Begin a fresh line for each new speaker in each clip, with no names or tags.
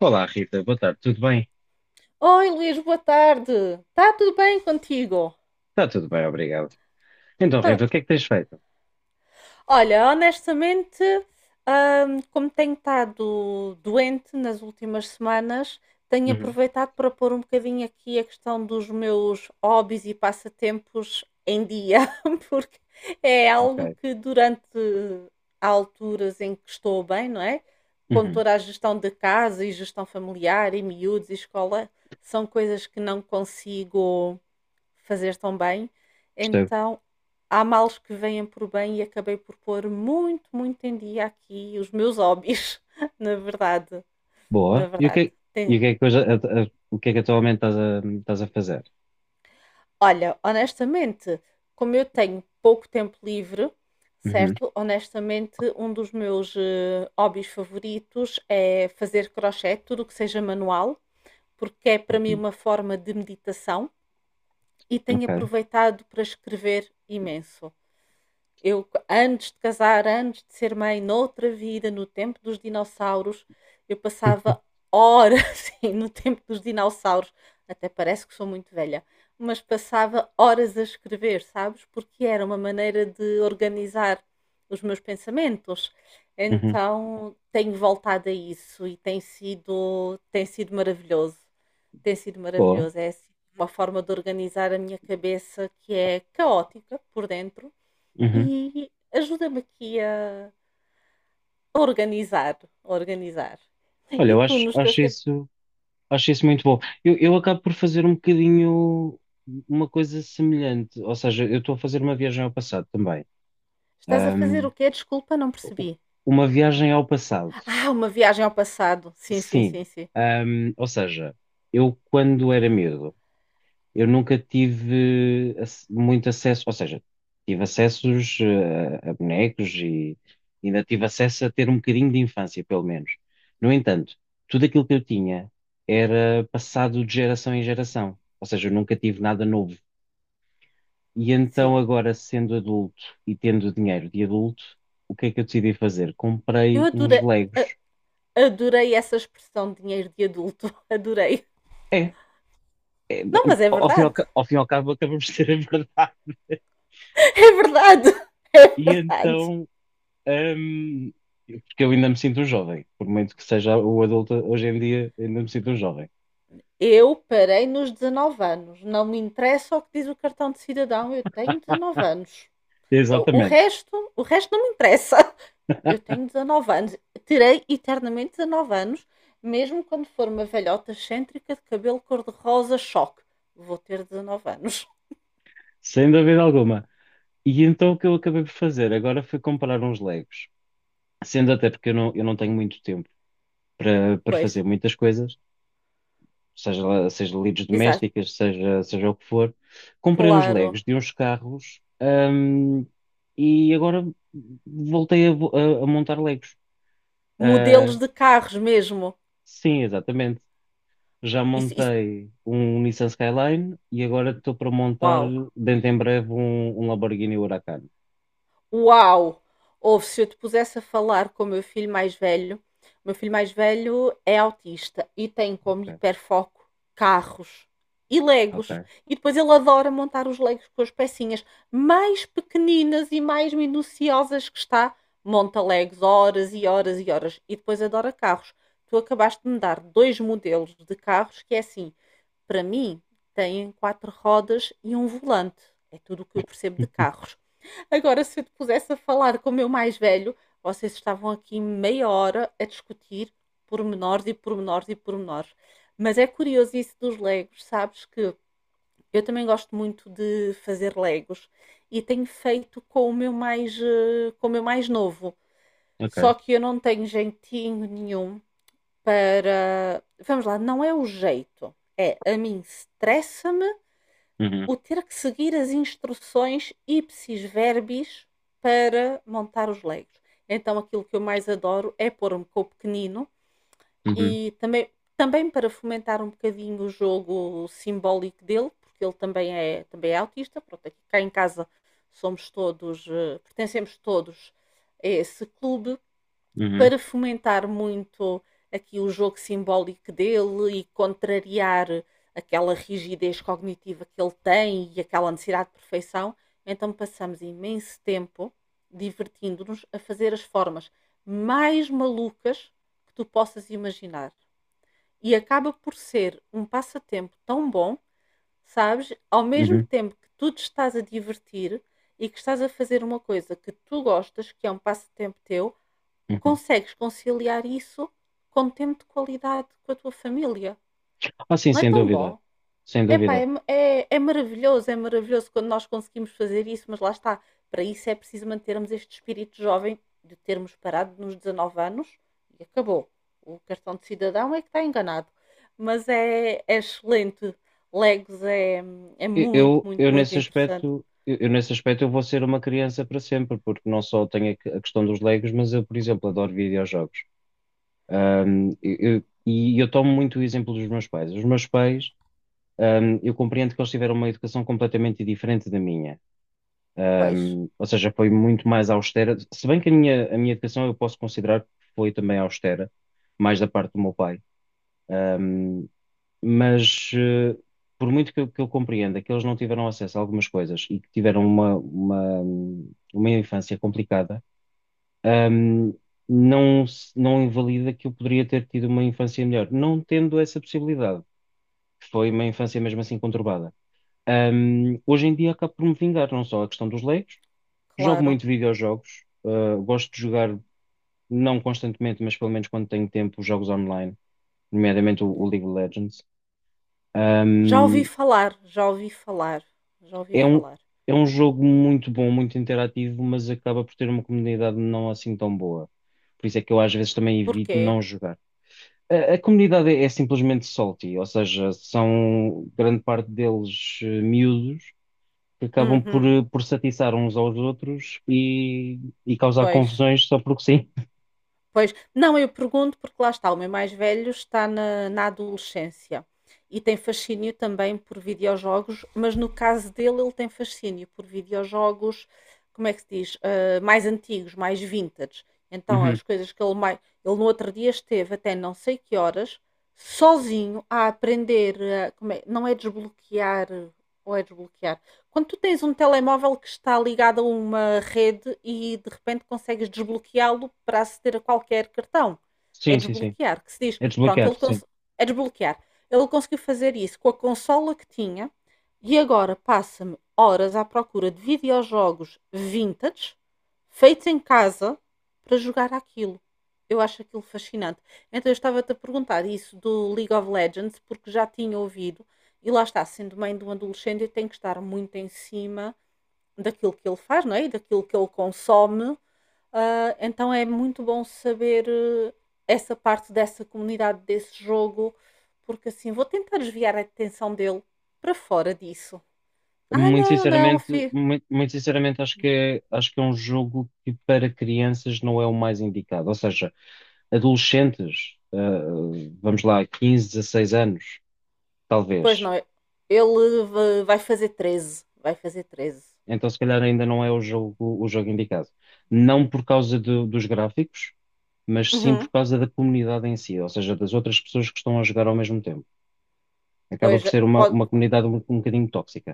Olá, Rita, boa tarde, tudo bem?
Oi Luís, boa tarde. Está tudo bem contigo?
Está tudo bem, obrigado. Então,
Tá.
Rita, o que é que tens feito?
Olha, honestamente, como tenho estado doente nas últimas semanas, tenho
Uhum,
aproveitado para pôr um bocadinho aqui a questão dos meus hobbies e passatempos em dia, porque é algo
ok.
que durante há alturas em que estou bem, não é? Com
Uhum,
toda a gestão de casa e gestão familiar e miúdos e escola, são coisas que não consigo fazer tão bem.
percebo.
Então, há males que vêm por bem e acabei por pôr muito, muito em dia aqui os meus hobbies, na verdade, na
Boa. E o que,
verdade.
é, e o
Tem-
que é que, hoje, o que é que atualmente estás a fazer?
Olha, honestamente, como eu tenho pouco tempo livre,
Uhum,
certo? Honestamente, um dos meus hobbies favoritos é fazer crochê, tudo o que seja manual, porque é para mim
uhum,
uma forma de meditação e tenho
ok.
aproveitado para escrever imenso. Eu, antes de casar, antes de ser mãe, noutra vida, no tempo dos dinossauros, eu passava horas sim, no tempo dos dinossauros. Até parece que sou muito velha, mas passava horas a escrever, sabes? Porque era uma maneira de organizar os meus pensamentos.
Uhum,
Então tenho voltado a isso e tem sido maravilhoso. Tem sido
boa.
maravilhoso. É assim, uma forma de organizar a minha cabeça que é caótica por dentro,
Uhum.
e ajuda-me aqui a organizar, a organizar.
Olha,
E tu, nos teus tempos,
acho isso muito bom. Eu acabo por fazer um bocadinho uma coisa semelhante, ou seja, eu estou a fazer uma viagem ao passado também.
estás a fazer
Ahm,
o quê? Desculpa, não
u-
percebi.
uma viagem ao passado.
Ah, uma viagem ao passado. Sim, sim,
Sim.
sim, sim.
Ou seja, eu quando era miúdo, eu nunca tive muito acesso, ou seja, tive acessos a, bonecos e ainda tive acesso a ter um bocadinho de infância, pelo menos. No entanto, tudo aquilo que eu tinha era passado de geração em geração, ou seja, eu nunca tive nada novo. E então
Sim.
agora, sendo adulto e tendo dinheiro de adulto, o que é que eu decidi fazer?
Eu
Comprei uns
adorei, a-
Legos.
adorei essa expressão de dinheiro de adulto. Adorei.
é é,
Não, mas é
ao fim e ao,
verdade.
ca- ao fim e ao cabo acabamos de ter a verdade.
É verdade. É
E
verdade.
então, hum, porque eu ainda me sinto um jovem, por muito que seja o adulto hoje em dia, ainda me sinto um jovem.
Eu parei nos 19 anos. Não me interessa o que diz o cartão de cidadão. Eu tenho 19 anos.
Exatamente,
O resto não me interessa. Eu tenho 19 anos. Terei eternamente 19 anos, mesmo quando for uma velhota excêntrica de cabelo cor-de-rosa choque. Vou ter 19 anos.
sem dúvida alguma. E então o que eu acabei por fazer agora foi comprar uns Legos, sendo até porque eu não tenho muito tempo para, para
Pois,
fazer muitas coisas. Seja lides
exato.
domésticas, seja o que for. Comprei uns
Claro.
Legos de uns carros, e agora voltei a montar Legos.
Modelos
Ah,
de carros mesmo.
sim, exatamente. Já
Isso,
montei um Nissan Skyline e agora estou para montar
uau.
dentro em breve um Lamborghini Huracan.
Uau! Ouve, se eu te pusesse a falar com o meu filho mais velho, o meu filho mais velho é autista e tem como
Ok,
hiperfoco carros e legos.
ok,
E depois ele adora montar os legos com as pecinhas mais pequeninas e mais minuciosas que está. Monta legos horas e horas e horas. E depois adora carros. Tu acabaste de me dar dois modelos de carros que é assim: para mim, têm quatro rodas e um volante. É tudo o que eu percebo de carros. Agora, se eu te pusesse a falar com o meu mais velho, vocês estavam aqui meia hora a discutir pormenores e pormenores e pormenores. Mas é curioso isso dos Legos, sabes que eu também gosto muito de fazer Legos e tenho feito com o meu mais novo. Só
ok.
que eu não tenho jeitinho nenhum para. Vamos lá, não é o jeito. É, a mim estressa-me
Uhum,
o ter que seguir as instruções ipsis verbis para montar os legos. Então aquilo que eu mais adoro é pôr-me com o pequenino
uhum,
e também para fomentar um bocadinho o jogo simbólico dele, porque ele também é autista. Pronto, aqui cá em casa somos todos, pertencemos todos a esse clube
uhum,
para fomentar muito aqui o jogo simbólico dele e contrariar aquela rigidez cognitiva que ele tem e aquela necessidade de perfeição, então passamos imenso tempo divertindo-nos a fazer as formas mais malucas que tu possas imaginar. E acaba por ser um passatempo tão bom, sabes? Ao mesmo
uhum,
tempo que tu te estás a divertir e que estás a fazer uma coisa que tu gostas, que é um passatempo teu,
uhum.
consegues conciliar isso com tempo de qualidade com a tua família.
Ah, sim,
Não é
sem
tão
dúvida.
bom?
Sem
Epá,
dúvida.
é maravilhoso quando nós conseguimos fazer isso, mas lá está. Para isso é preciso mantermos este espírito jovem de termos parado nos 19 anos e acabou. O cartão de cidadão é que está enganado. Mas é excelente. Legos é muito,
Eu,
muito, muito interessante.
eu nesse aspecto eu vou ser uma criança para sempre, porque não só tenho a questão dos Legos, mas eu, por exemplo, adoro videojogos. E eu tomo muito o exemplo dos meus pais. Os meus pais, eu compreendo que eles tiveram uma educação completamente diferente da minha.
Pois,
Ou seja, foi muito mais austera. Se bem que a minha educação eu posso considerar que foi também austera, mais da parte do meu pai, mas por muito que que eu compreenda que eles não tiveram acesso a algumas coisas e que tiveram uma infância complicada. hum, não, não invalida que eu poderia ter tido uma infância melhor, não tendo essa possibilidade, que foi uma infância mesmo assim conturbada. Hoje em dia acabo por me vingar, não só a questão dos leigos, jogo
claro.
muito videojogos, gosto de jogar, não constantemente, mas pelo menos quando tenho tempo, jogos online, nomeadamente o League of Legends.
Já ouvi
Hum,
falar, já ouvi falar, já ouvi
É
falar.
é um jogo muito bom, muito interativo, mas acaba por ter uma comunidade não assim tão boa. Por isso é que eu às vezes também evito
Porquê?
não jogar. A comunidade é, é simplesmente salty, ou seja, são grande parte deles miúdos que acabam
Uhum.
por se atiçar uns aos outros e causar
Pois,
confusões só porque sim.
pois. Não, eu pergunto porque lá está, o meu mais velho está na adolescência e tem fascínio também por videojogos, mas no caso dele, ele tem fascínio por videojogos, como é que se diz? Ah, mais antigos, mais vintage. Então,
Uhum.
as coisas que ele mais. Ele no outro dia esteve até não sei que horas, sozinho, a aprender. Não é desbloquear, ou é desbloquear? Quando tu tens um telemóvel que está ligado a uma rede e de repente consegues desbloqueá-lo para aceder a qualquer cartão. É
Sim, sim, sim.
desbloquear, que se diz,
É
pronto,
desbloquear, sim.
é desbloquear. Ele conseguiu fazer isso com a consola que tinha e agora passa-me horas à procura de videojogos vintage feitos em casa para jogar aquilo. Eu acho aquilo fascinante. Então eu estava-te a perguntar isso do League of Legends, porque já tinha ouvido e lá está, sendo mãe de um adolescente, eu tenho que estar muito em cima daquilo que ele faz, não é? E daquilo que ele consome. Ah, então é muito bom saber essa parte dessa comunidade, desse jogo, porque assim vou tentar desviar a atenção dele para fora disso. Ah,
Muito
não, não,
sinceramente,
filho.
muito, muito sinceramente acho que é um jogo que para crianças não é o mais indicado. Ou seja, adolescentes, vamos lá, 15, 16 anos,
Pois
talvez.
não, ele vai fazer treze.
Então, se calhar, ainda não é o jogo indicado. Não por causa dos gráficos, mas sim por
Uhum.
causa da comunidade em si, ou seja, das outras pessoas que estão a jogar ao mesmo tempo. Acaba
Pois
por ser
pode,
uma comunidade um bocadinho tóxica.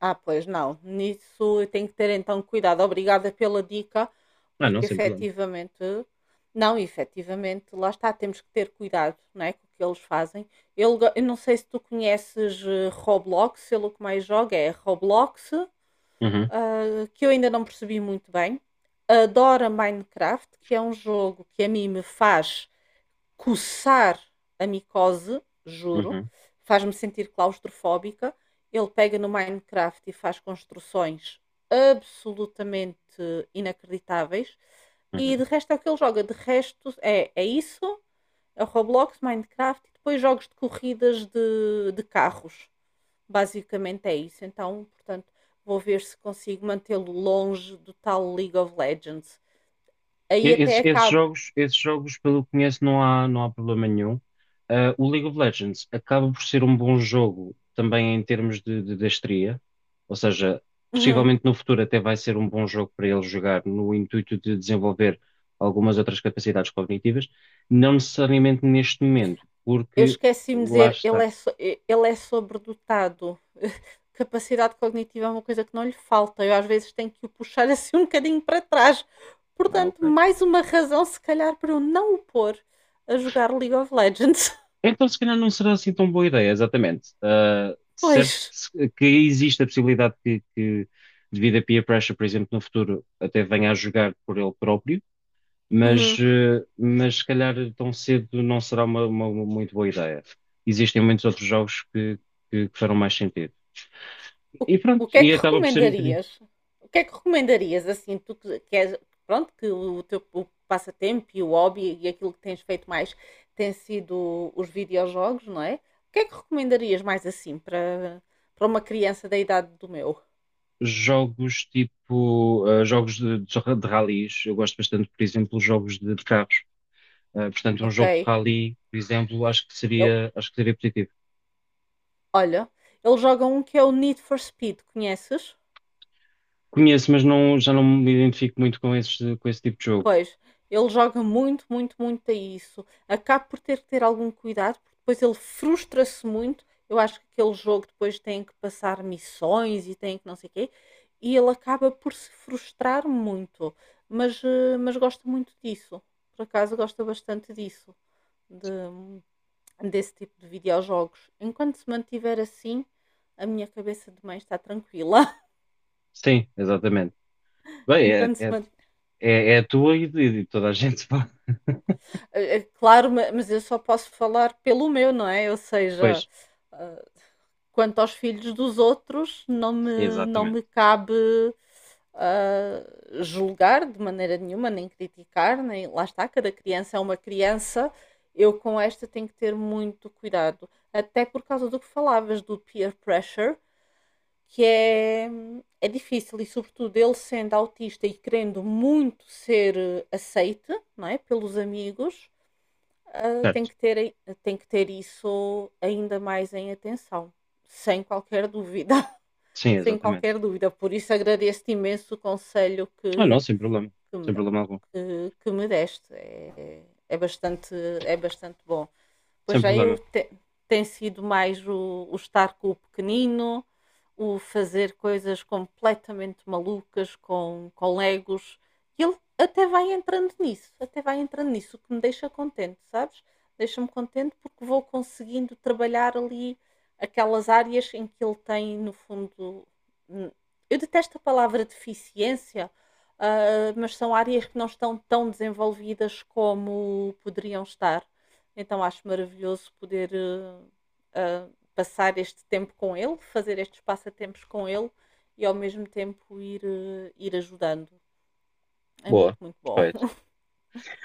Ah, pois não. Nisso eu tenho que ter então cuidado. Obrigada pela dica,
Ah, não,
porque
sem problema.
efetivamente, não, efetivamente, lá está, temos que ter cuidado, não é, com o que eles fazem. Eu não sei se tu conheces Roblox, ele o que mais joga é Roblox,
Uhum,
ah, que eu ainda não percebi muito bem. Adora Minecraft, que é um jogo que a mim me faz coçar a micose, juro,
uhum,
faz-me sentir claustrofóbica. Ele pega no Minecraft e faz construções absolutamente inacreditáveis. E
uhum.
de resto é o que ele joga. De resto é isso, é o Roblox, Minecraft e depois jogos de corridas de carros. Basicamente é isso. Então, portanto, vou ver se consigo mantê-lo longe do tal League of Legends. Aí até
Esses,
acabo.
esses jogos, pelo que conheço, não há problema nenhum. Ah, o League of Legends acaba por ser um bom jogo também em termos de destreza, ou seja,
Uhum.
possivelmente no futuro até vai ser um bom jogo para ele jogar no intuito de desenvolver algumas outras capacidades cognitivas, não necessariamente neste momento,
Eu
porque
esqueci-me de
lá
dizer, ele
está.
é, so- eh, ele é sobredotado. Capacidade cognitiva é uma coisa que não lhe falta. Eu às vezes tenho que o puxar assim um bocadinho para trás.
Ah,
Portanto,
ok.
mais uma razão, se calhar, para eu não o pôr a jogar League of Legends.
Então, se calhar não será assim tão boa ideia, exatamente. Ah, certo que,
Pois.
se- que existe a possibilidade devido a peer pressure, por exemplo, no futuro, até venha a jogar por ele próprio, mas,
Uhum.
mas se calhar tão cedo não será uma muito boa ideia. Existem muitos outros que farão mais sentido.
O,
E pronto,
o que é
e
que
acaba por ser um bocadinho.
recomendarias? O que é que recomendarias, assim, tu que queres, pronto, que o teu o passatempo e o hobby e aquilo que tens feito mais tem sido os videojogos, não é? O que é que recomendarias mais, assim, para uma criança da idade do meu?
Jogos tipo, ah, de ralis, eu gosto bastante, por exemplo, jogos de carros. Portanto, um jogo de
Ok?
rally, por exemplo,
Ele-
acho que seria positivo.
olha, ele joga um que é o Need for Speed, conheces?
Conheço, mas não, já não me identifico muito com esse tipo de jogo.
Pois, ele joga muito, muito, muito a isso. Acaba por ter que ter algum cuidado, porque depois ele frustra-se muito. Eu acho que aquele jogo depois tem que passar missões e tem que não sei o quê, e ele acaba por se frustrar muito. Mas, mas gosta muito disso. Por acaso gosta bastante disso, de- desse tipo de videojogos. Enquanto se mantiver assim, a minha cabeça de mãe está tranquila.
Sim, exatamente. Bem, é,
Enquanto se
é,
mant...
é, é a tua e de toda a gente. Pá.
Claro, mas eu só posso falar pelo meu, não é? Ou
Pois,
seja, quanto aos filhos dos outros, não me, não
exatamente.
me cabe ah, julgar de maneira nenhuma, nem criticar, nem lá está, cada criança é uma criança. Eu com esta tenho que ter muito cuidado, até por causa do que falavas do peer pressure, que é difícil e sobretudo ele sendo autista e querendo muito ser aceite, não é, pelos amigos, ah, tem
Certo.
que ter tem que ter isso ainda mais em atenção, sem qualquer dúvida
Sim,
sem
exatamente.
qualquer dúvida. Por isso agradeço-te imenso o conselho
Ah, não, sem problema.
que,
Sem
me,
problema algum.
que me deste. É, bastante, é bastante bom. Pois
Sem
já eu
problema.
tem sido mais o estar com o pequenino, o fazer coisas completamente malucas com legos. E ele até vai entrando nisso, até vai entrando nisso, o que me deixa contente, sabes? Deixa-me contente porque vou conseguindo trabalhar ali aquelas áreas em que ele tem, no fundo. hum, Eu detesto a palavra deficiência, mas são áreas que não estão tão desenvolvidas como poderiam estar. Então acho maravilhoso poder ah, passar este tempo com ele, fazer estes passatempos com ele e ao mesmo tempo ir, ir ajudando. É
Boa.
muito, muito bom.
Perfeito.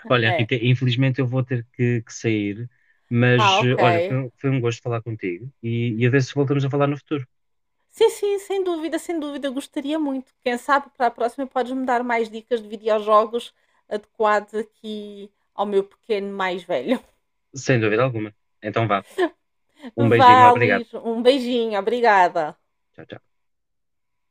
Olha,
É.
Rita, infelizmente eu vou ter que sair, mas
Ah,
olha,
ok.
foi um gosto falar contigo e a ver se voltamos a falar no futuro.
Sim, sim, sem dúvida, sem dúvida, gostaria muito. Quem sabe para a próxima podes-me dar mais dicas de videojogos adequados aqui ao meu pequeno mais velho.
Sem dúvida alguma. Então vá. Um beijinho,
Vá,
obrigado.
Luís, um beijinho, obrigada.
Tchau, tchau.